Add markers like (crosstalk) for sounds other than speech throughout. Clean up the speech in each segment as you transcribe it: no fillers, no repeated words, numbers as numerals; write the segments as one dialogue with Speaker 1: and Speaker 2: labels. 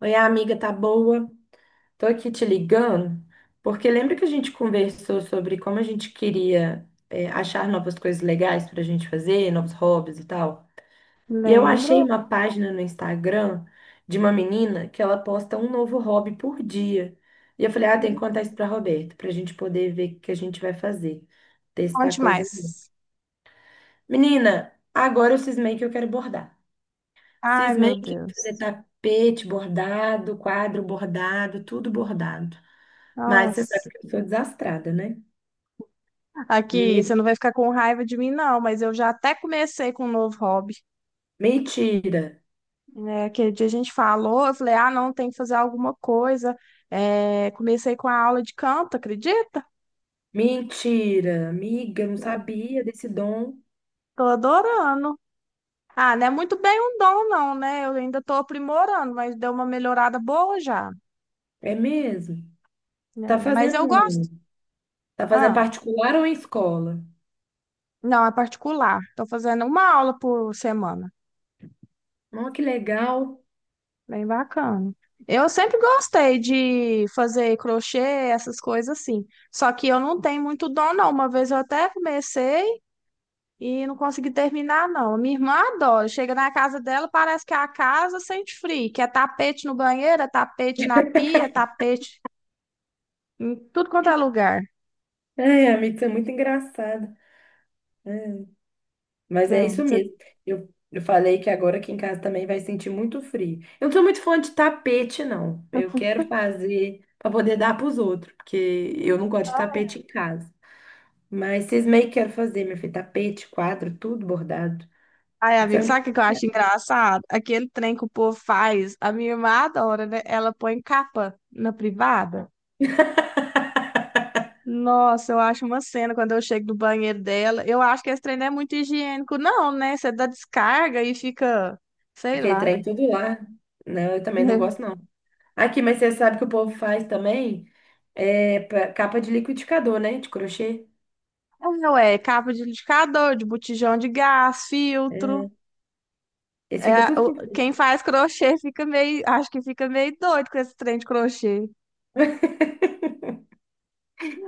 Speaker 1: Oi, amiga, tá boa? Tô aqui te ligando, porque lembra que a gente conversou sobre como a gente queria, achar novas coisas legais pra gente fazer, novos hobbies e tal? E eu
Speaker 2: Lembro.
Speaker 1: achei uma página no Instagram de uma menina que ela posta um novo hobby por dia. E eu falei, ah, tem que contar isso pra Roberta, pra gente poder ver o que a gente vai fazer, testar
Speaker 2: Onde
Speaker 1: coisa nova.
Speaker 2: mais?
Speaker 1: Menina, agora eu cismei que eu quero bordar.
Speaker 2: Ai,
Speaker 1: Cismei
Speaker 2: meu
Speaker 1: que eu quero fazer
Speaker 2: Deus.
Speaker 1: tapete bordado, quadro bordado, tudo bordado. Mas você sabe
Speaker 2: Nossa.
Speaker 1: que eu sou desastrada, né?
Speaker 2: Aqui,
Speaker 1: Me-
Speaker 2: você não vai ficar com raiva de mim, não, mas eu já até comecei com um novo hobby.
Speaker 1: Mentira,
Speaker 2: É, aquele dia a gente falou, eu falei, não, tem que fazer alguma coisa. Comecei com a aula de canto, acredita?
Speaker 1: mentira, amiga, não
Speaker 2: É,
Speaker 1: sabia desse dom.
Speaker 2: tô adorando. Ah, não é muito bem um dom, não, né? Eu ainda tô aprimorando, mas deu uma melhorada boa já.
Speaker 1: É mesmo? Tá
Speaker 2: Né? Mas
Speaker 1: fazendo,
Speaker 2: eu gosto.
Speaker 1: tá fazendo
Speaker 2: Ah,
Speaker 1: particular ou em escola?
Speaker 2: não, é particular. Tô fazendo uma aula por semana.
Speaker 1: Oh, que legal.
Speaker 2: Bem bacana. Eu sempre gostei de fazer crochê, essas coisas assim. Só que eu não tenho muito dom, não. Uma vez eu até comecei e não consegui terminar, não. Minha irmã adora. Chega na casa dela, parece que a casa sente frio, que é tapete no banheiro, é tapete na pia, tapete em tudo quanto é lugar.
Speaker 1: É, amiga, isso é muito engraçado. Mas é
Speaker 2: Não,
Speaker 1: isso
Speaker 2: você
Speaker 1: mesmo. Eu falei que agora aqui em casa também vai sentir muito frio. Eu não sou muito fã de tapete, não. Eu quero fazer para poder dar para os outros, porque eu não gosto de
Speaker 2: tá-
Speaker 1: tapete em casa. Mas vocês meio que querem fazer, meu filho, tapete, quadro, tudo bordado.
Speaker 2: Ai,
Speaker 1: Isso de
Speaker 2: amigo,
Speaker 1: onde...
Speaker 2: sabe o que que eu acho engraçado? Aquele trem que o povo faz, a minha irmã adora, né? Ela põe capa na privada. Nossa, eu acho uma cena quando eu chego do banheiro dela. Eu acho que esse trem não é muito higiênico, não, né? Você dá descarga e fica, sei
Speaker 1: Aquele
Speaker 2: lá.
Speaker 1: trem tudo lá. Não, eu também não gosto, não.
Speaker 2: (laughs)
Speaker 1: Aqui, mas você sabe que o povo faz também capa de liquidificador, né? De crochê.
Speaker 2: Não é, capa de liquidificador, de botijão de gás, filtro.
Speaker 1: É, esse fica
Speaker 2: É,
Speaker 1: tudo com fio.
Speaker 2: quem faz crochê fica meio, acho que fica meio doido com esse trem de crochê.
Speaker 1: (laughs)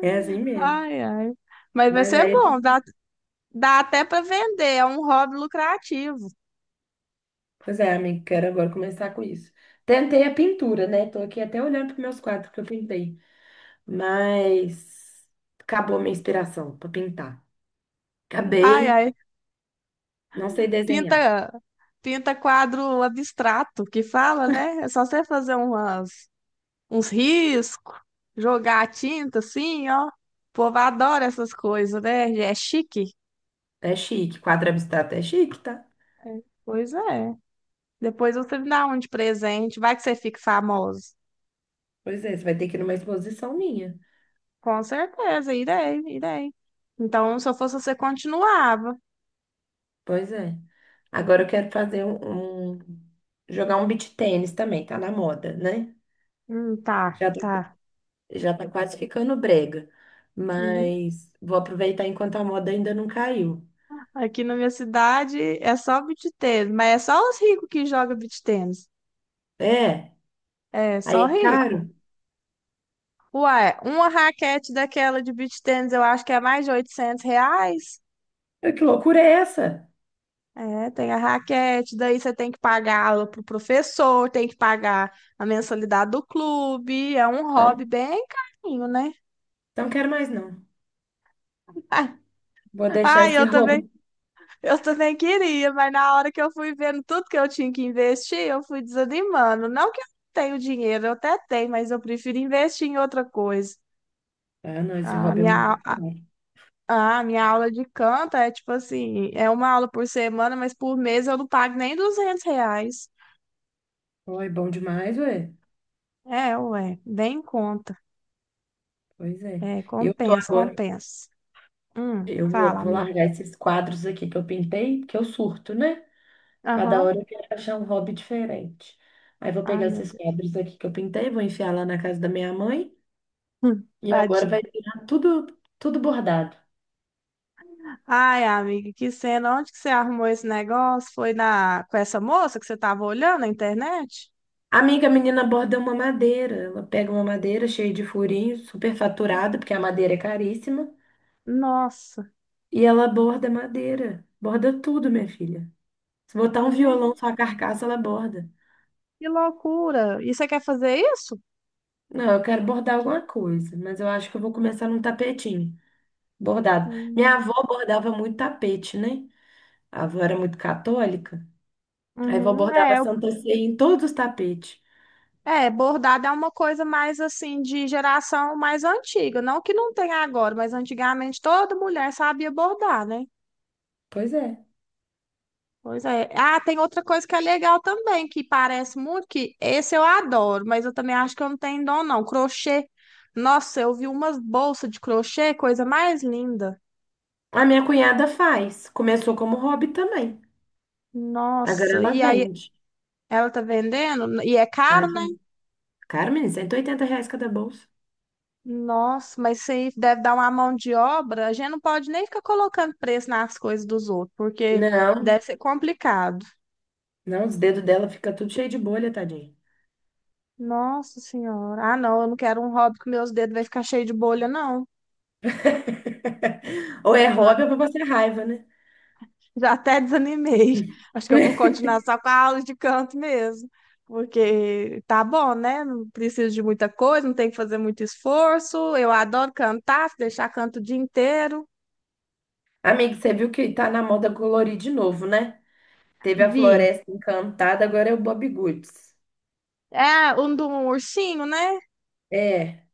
Speaker 1: É assim mesmo.
Speaker 2: Ai, ai. Mas vai
Speaker 1: Mas
Speaker 2: ser
Speaker 1: aí,
Speaker 2: bom, dá até para vender, é um hobby lucrativo.
Speaker 1: pois é, amigo, quero agora começar com isso. Tentei a pintura, né? Tô aqui até olhando para meus quadros que eu pintei. Mas acabou a minha inspiração para pintar.
Speaker 2: Ai,
Speaker 1: Acabei,
Speaker 2: ai.
Speaker 1: não sei desenhar.
Speaker 2: Pinta, pinta quadro abstrato, que fala, né? É só você fazer umas uns riscos, jogar a tinta assim, ó. O povo adora essas coisas, né? É chique.
Speaker 1: É chique, quadro abstrato é chique, tá?
Speaker 2: Pois é. Depois você me dá um de presente. Vai que você fique famoso.
Speaker 1: Pois é, você vai ter que ir numa exposição minha.
Speaker 2: Com certeza, irei, irei. Então, se eu fosse você, continuava.
Speaker 1: Pois é. Agora eu quero fazer jogar um beach tênis também, tá na moda, né?
Speaker 2: Tá,
Speaker 1: Já tá,
Speaker 2: tá.
Speaker 1: já tá quase ficando brega.
Speaker 2: Uhum.
Speaker 1: Mas vou aproveitar enquanto a moda ainda não caiu.
Speaker 2: Aqui na minha cidade é só beach tênis, mas é só os ricos que jogam beach tênis.
Speaker 1: É,
Speaker 2: É,
Speaker 1: aí
Speaker 2: só
Speaker 1: é caro.
Speaker 2: rico. Ué, uma raquete daquela de beach tênis eu acho que é mais de R$ 800.
Speaker 1: Ah, que loucura é essa?
Speaker 2: É, tem a raquete, daí você tem que pagar aula pro professor, tem que pagar a mensalidade do clube, é um hobby
Speaker 1: Não,
Speaker 2: bem carinho, né?
Speaker 1: não quero mais, não.
Speaker 2: (laughs)
Speaker 1: Vou deixar
Speaker 2: Ai,
Speaker 1: esse hobby.
Speaker 2: eu também queria, mas na hora que eu fui vendo tudo que eu tinha que investir, eu fui desanimando. Não que eu não tenho dinheiro, eu até tenho, mas eu prefiro investir em outra coisa.
Speaker 1: Ah, não, esse
Speaker 2: A
Speaker 1: hobby é
Speaker 2: minha,
Speaker 1: muito
Speaker 2: au-
Speaker 1: caro.
Speaker 2: a minha aula de canto é tipo assim, é uma aula por semana, mas por mês eu não pago nem R$ 200.
Speaker 1: Oh, é bom demais, ué.
Speaker 2: É, ué, bem em conta.
Speaker 1: Pois é.
Speaker 2: É,
Speaker 1: Eu tô
Speaker 2: compensa,
Speaker 1: agora.
Speaker 2: compensa.
Speaker 1: Eu vou
Speaker 2: Fala,
Speaker 1: vou
Speaker 2: amiga.
Speaker 1: largar esses quadros aqui que eu pintei, porque eu surto, né? Cada
Speaker 2: Aham.
Speaker 1: hora eu quero achar um hobby diferente. Aí vou
Speaker 2: Ai,
Speaker 1: pegar
Speaker 2: meu
Speaker 1: esses
Speaker 2: Deus.
Speaker 1: quadros aqui que eu pintei, vou enfiar lá na casa da minha mãe e agora
Speaker 2: Tadinho.
Speaker 1: vai virar tudo, tudo bordado.
Speaker 2: Ai, amiga, que cena. Onde que você arrumou esse negócio? Foi na com essa moça que você tava olhando na internet?
Speaker 1: Amiga, a menina borda uma madeira. Ela pega uma madeira cheia de furinho, super faturada, porque a madeira é caríssima,
Speaker 2: Nossa,
Speaker 1: e ela borda madeira. Borda tudo, minha filha. Se botar um violão só
Speaker 2: gente,
Speaker 1: a carcaça, ela borda.
Speaker 2: que loucura. E você quer fazer isso?
Speaker 1: Não, eu quero bordar alguma coisa, mas eu acho que eu vou começar num tapetinho. Bordado. Minha
Speaker 2: Hum,
Speaker 1: avó bordava muito tapete, né? A avó era muito católica. Aí a avó
Speaker 2: uhum,
Speaker 1: bordava Santa Ceia em todos os tapetes.
Speaker 2: é, bordado é uma coisa mais assim de geração mais antiga. Não que não tenha agora, mas antigamente toda mulher sabia bordar, né?
Speaker 1: Pois é.
Speaker 2: Pois é. Ah, tem outra coisa que é legal também, que parece muito, que esse eu adoro, mas eu também acho que eu não tenho dom, não. Crochê. Nossa, eu vi umas bolsas de crochê, coisa mais linda.
Speaker 1: A minha cunhada faz. Começou como hobby também. Agora
Speaker 2: Nossa,
Speaker 1: ela
Speaker 2: e aí
Speaker 1: vende.
Speaker 2: ela tá vendendo, e é caro, né?
Speaker 1: Tadinha. Cara, menina, R$ 180 cada bolsa.
Speaker 2: Nossa, mas isso aí deve dar uma mão de obra. A gente não pode nem ficar colocando preço nas coisas dos outros, porque
Speaker 1: Não,
Speaker 2: deve ser complicado.
Speaker 1: não, os dedos dela fica tudo cheio de bolha, tadinha.
Speaker 2: Nossa senhora. Ah, não, eu não quero um hobby que meus dedos vai ficar cheio de bolha, não.
Speaker 1: (laughs) Ou é
Speaker 2: Já
Speaker 1: hobby ou pra passar raiva, né?
Speaker 2: Já até desanimei. (laughs) Acho que eu vou
Speaker 1: (laughs)
Speaker 2: continuar só com a aula de canto mesmo. Porque tá bom, né? Não preciso de muita coisa, não tem que fazer muito esforço. Eu adoro cantar, se deixar canto o dia inteiro.
Speaker 1: Amigo, você viu que tá na moda colorir de novo, né? Teve a
Speaker 2: Vi.
Speaker 1: Floresta Encantada, agora é o Bob Goods.
Speaker 2: É, um do ursinho, né?
Speaker 1: É,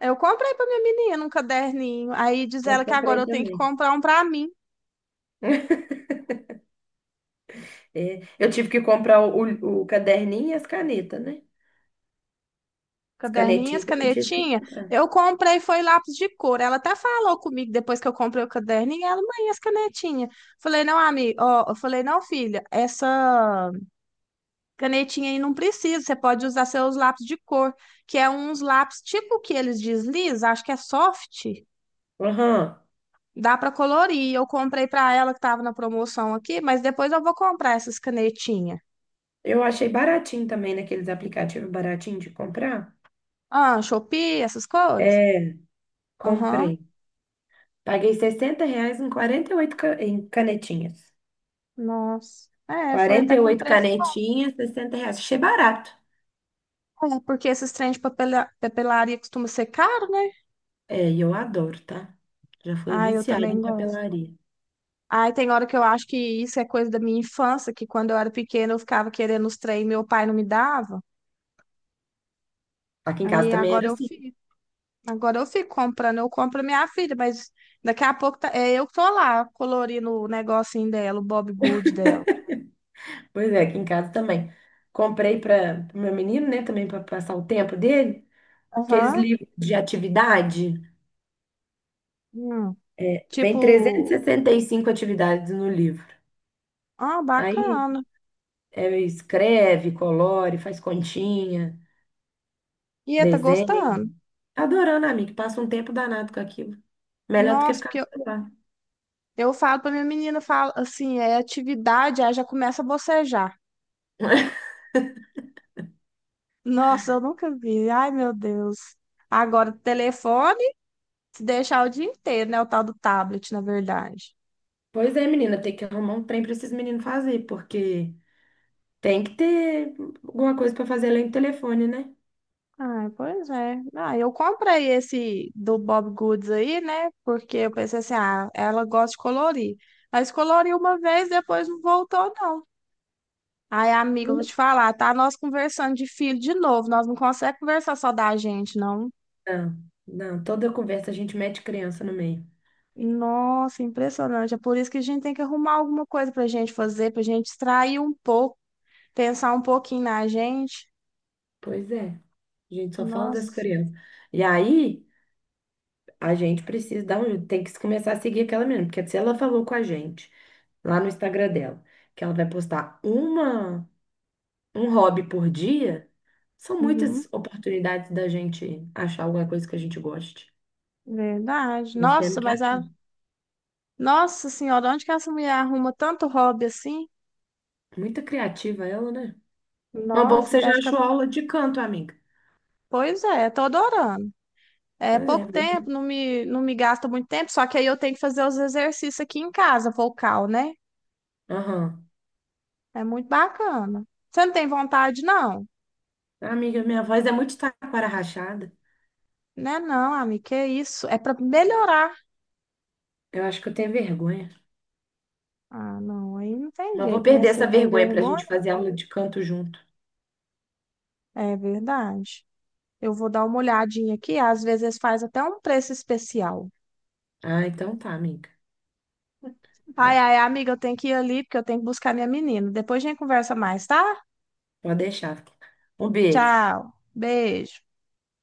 Speaker 2: Eu comprei pra minha menina um caderninho. Aí diz
Speaker 1: eu
Speaker 2: ela que agora
Speaker 1: comprei
Speaker 2: eu tenho que
Speaker 1: também.
Speaker 2: comprar um pra mim.
Speaker 1: (laughs) É, eu tive que comprar caderninho e as canetas, né? As
Speaker 2: Caderninhas,
Speaker 1: canetinhas também tive que
Speaker 2: canetinha.
Speaker 1: comprar.
Speaker 2: Eu comprei, foi lápis de cor. Ela até falou comigo depois que eu comprei o caderninho. Ela, mãe, as canetinhas. Falei, não, amiga. Ó, eu falei, não, filha, essa canetinha aí não precisa. Você pode usar seus lápis de cor, que é uns lápis tipo que eles deslizam, acho que é soft.
Speaker 1: Aham.
Speaker 2: Dá para colorir. Eu comprei para ela que tava na promoção aqui, mas depois eu vou comprar essas canetinhas.
Speaker 1: Eu achei baratinho também naqueles aplicativos baratinho de comprar.
Speaker 2: Ah, Shopee, essas coisas.
Speaker 1: É,
Speaker 2: Aham.
Speaker 1: comprei. Paguei 60 reais em em canetinhas.
Speaker 2: Nossa. É, foi
Speaker 1: Quarenta
Speaker 2: até
Speaker 1: e
Speaker 2: com
Speaker 1: oito
Speaker 2: preço.
Speaker 1: canetinhas, R$ 60. Achei barato.
Speaker 2: É, porque esses trem de papelaria costuma ser caro, né?
Speaker 1: É, e eu adoro, tá? Já fui
Speaker 2: Ai, eu
Speaker 1: viciada
Speaker 2: também
Speaker 1: em
Speaker 2: gosto.
Speaker 1: papelaria.
Speaker 2: Ai, tem hora que eu acho que isso é coisa da minha infância, que quando eu era pequena eu ficava querendo os trem e meu pai não me dava.
Speaker 1: Aqui em casa
Speaker 2: Aí
Speaker 1: também
Speaker 2: agora
Speaker 1: era
Speaker 2: eu
Speaker 1: assim.
Speaker 2: fico. Agora eu fico comprando, eu compro a minha filha, mas daqui a pouco é eu que tô lá colorindo o negocinho dela, o Bob Good dela.
Speaker 1: Pois é, aqui em casa também. Comprei para o meu menino, né, também para passar o tempo dele, aqueles
Speaker 2: Aham.
Speaker 1: livros de atividade.
Speaker 2: Hum.
Speaker 1: Vem e
Speaker 2: Tipo,
Speaker 1: 65 atividades no livro.
Speaker 2: ah,
Speaker 1: Aí
Speaker 2: bacana.
Speaker 1: é, escreve, colore, faz continha,
Speaker 2: E é, tá
Speaker 1: desenha.
Speaker 2: gostando?
Speaker 1: Adorando, amiga, passa um tempo danado com aquilo. Melhor do que
Speaker 2: Nossa,
Speaker 1: ficar
Speaker 2: porque
Speaker 1: no celular.
Speaker 2: eu falo pra minha menina, eu falo assim, é atividade, aí já começa a bocejar.
Speaker 1: (laughs)
Speaker 2: Nossa, eu nunca vi. Ai, meu Deus. Agora, telefone, se deixar o dia inteiro, né? O tal do tablet, na verdade.
Speaker 1: Pois é, menina, tem que arrumar um trem para esses meninos fazer, porque tem que ter alguma coisa para fazer além do telefone, né?
Speaker 2: Ah, pois é. Ah, eu comprei esse do Bob Goods aí, né? Porque eu pensei assim, ah, ela gosta de colorir. Mas coloriu uma vez, depois não voltou, não. Aí, amiga, eu vou te falar, tá? Nós conversando de filho de novo. Nós não conseguimos conversar só da gente, não.
Speaker 1: Não, não, toda conversa a gente mete criança no meio.
Speaker 2: Nossa, impressionante. É por isso que a gente tem que arrumar alguma coisa pra gente fazer, pra gente distrair um pouco. Pensar um pouquinho na gente.
Speaker 1: Pois é, a gente só fala das
Speaker 2: Nossa,
Speaker 1: crianças. E aí, a gente precisa dar um jeito, tem que começar a seguir aquela menina, porque se ela falou com a gente lá no Instagram dela, que ela vai postar um hobby por dia, são
Speaker 2: uhum,
Speaker 1: muitas oportunidades da gente achar alguma coisa que a gente goste.
Speaker 2: verdade.
Speaker 1: Nós temos
Speaker 2: Nossa,
Speaker 1: que
Speaker 2: mas a.
Speaker 1: achar.
Speaker 2: Nossa senhora, onde que essa mulher arruma tanto hobby assim?
Speaker 1: Muito criativa ela, né? Mas bom que
Speaker 2: Nossa,
Speaker 1: você
Speaker 2: deve
Speaker 1: já
Speaker 2: ficar.
Speaker 1: achou aula de canto, amiga.
Speaker 2: Pois é, tô adorando. É
Speaker 1: Pois é.
Speaker 2: pouco tempo, não me gasta muito tempo, só que aí eu tenho que fazer os exercícios aqui em casa, vocal, né?
Speaker 1: Aham.
Speaker 2: É muito bacana. Você não tem vontade, não?
Speaker 1: Amiga, minha voz é muito taquara rachada.
Speaker 2: Né, não, amiga, que isso? É pra melhorar.
Speaker 1: Eu acho que eu tenho vergonha.
Speaker 2: Ah, não, aí não tem
Speaker 1: Mas vou
Speaker 2: jeito, né?
Speaker 1: perder
Speaker 2: Você
Speaker 1: essa
Speaker 2: tem
Speaker 1: vergonha pra
Speaker 2: vergonha?
Speaker 1: gente fazer aula de canto junto.
Speaker 2: É verdade. Eu vou dar uma olhadinha aqui. Às vezes faz até um preço especial.
Speaker 1: Ah, então tá, amiga.
Speaker 2: Ai,
Speaker 1: Ah,
Speaker 2: ai, amiga, eu tenho que ir ali porque eu tenho que buscar minha menina. Depois a gente conversa mais, tá?
Speaker 1: pode deixar. Um beijo.
Speaker 2: Tchau. Beijo.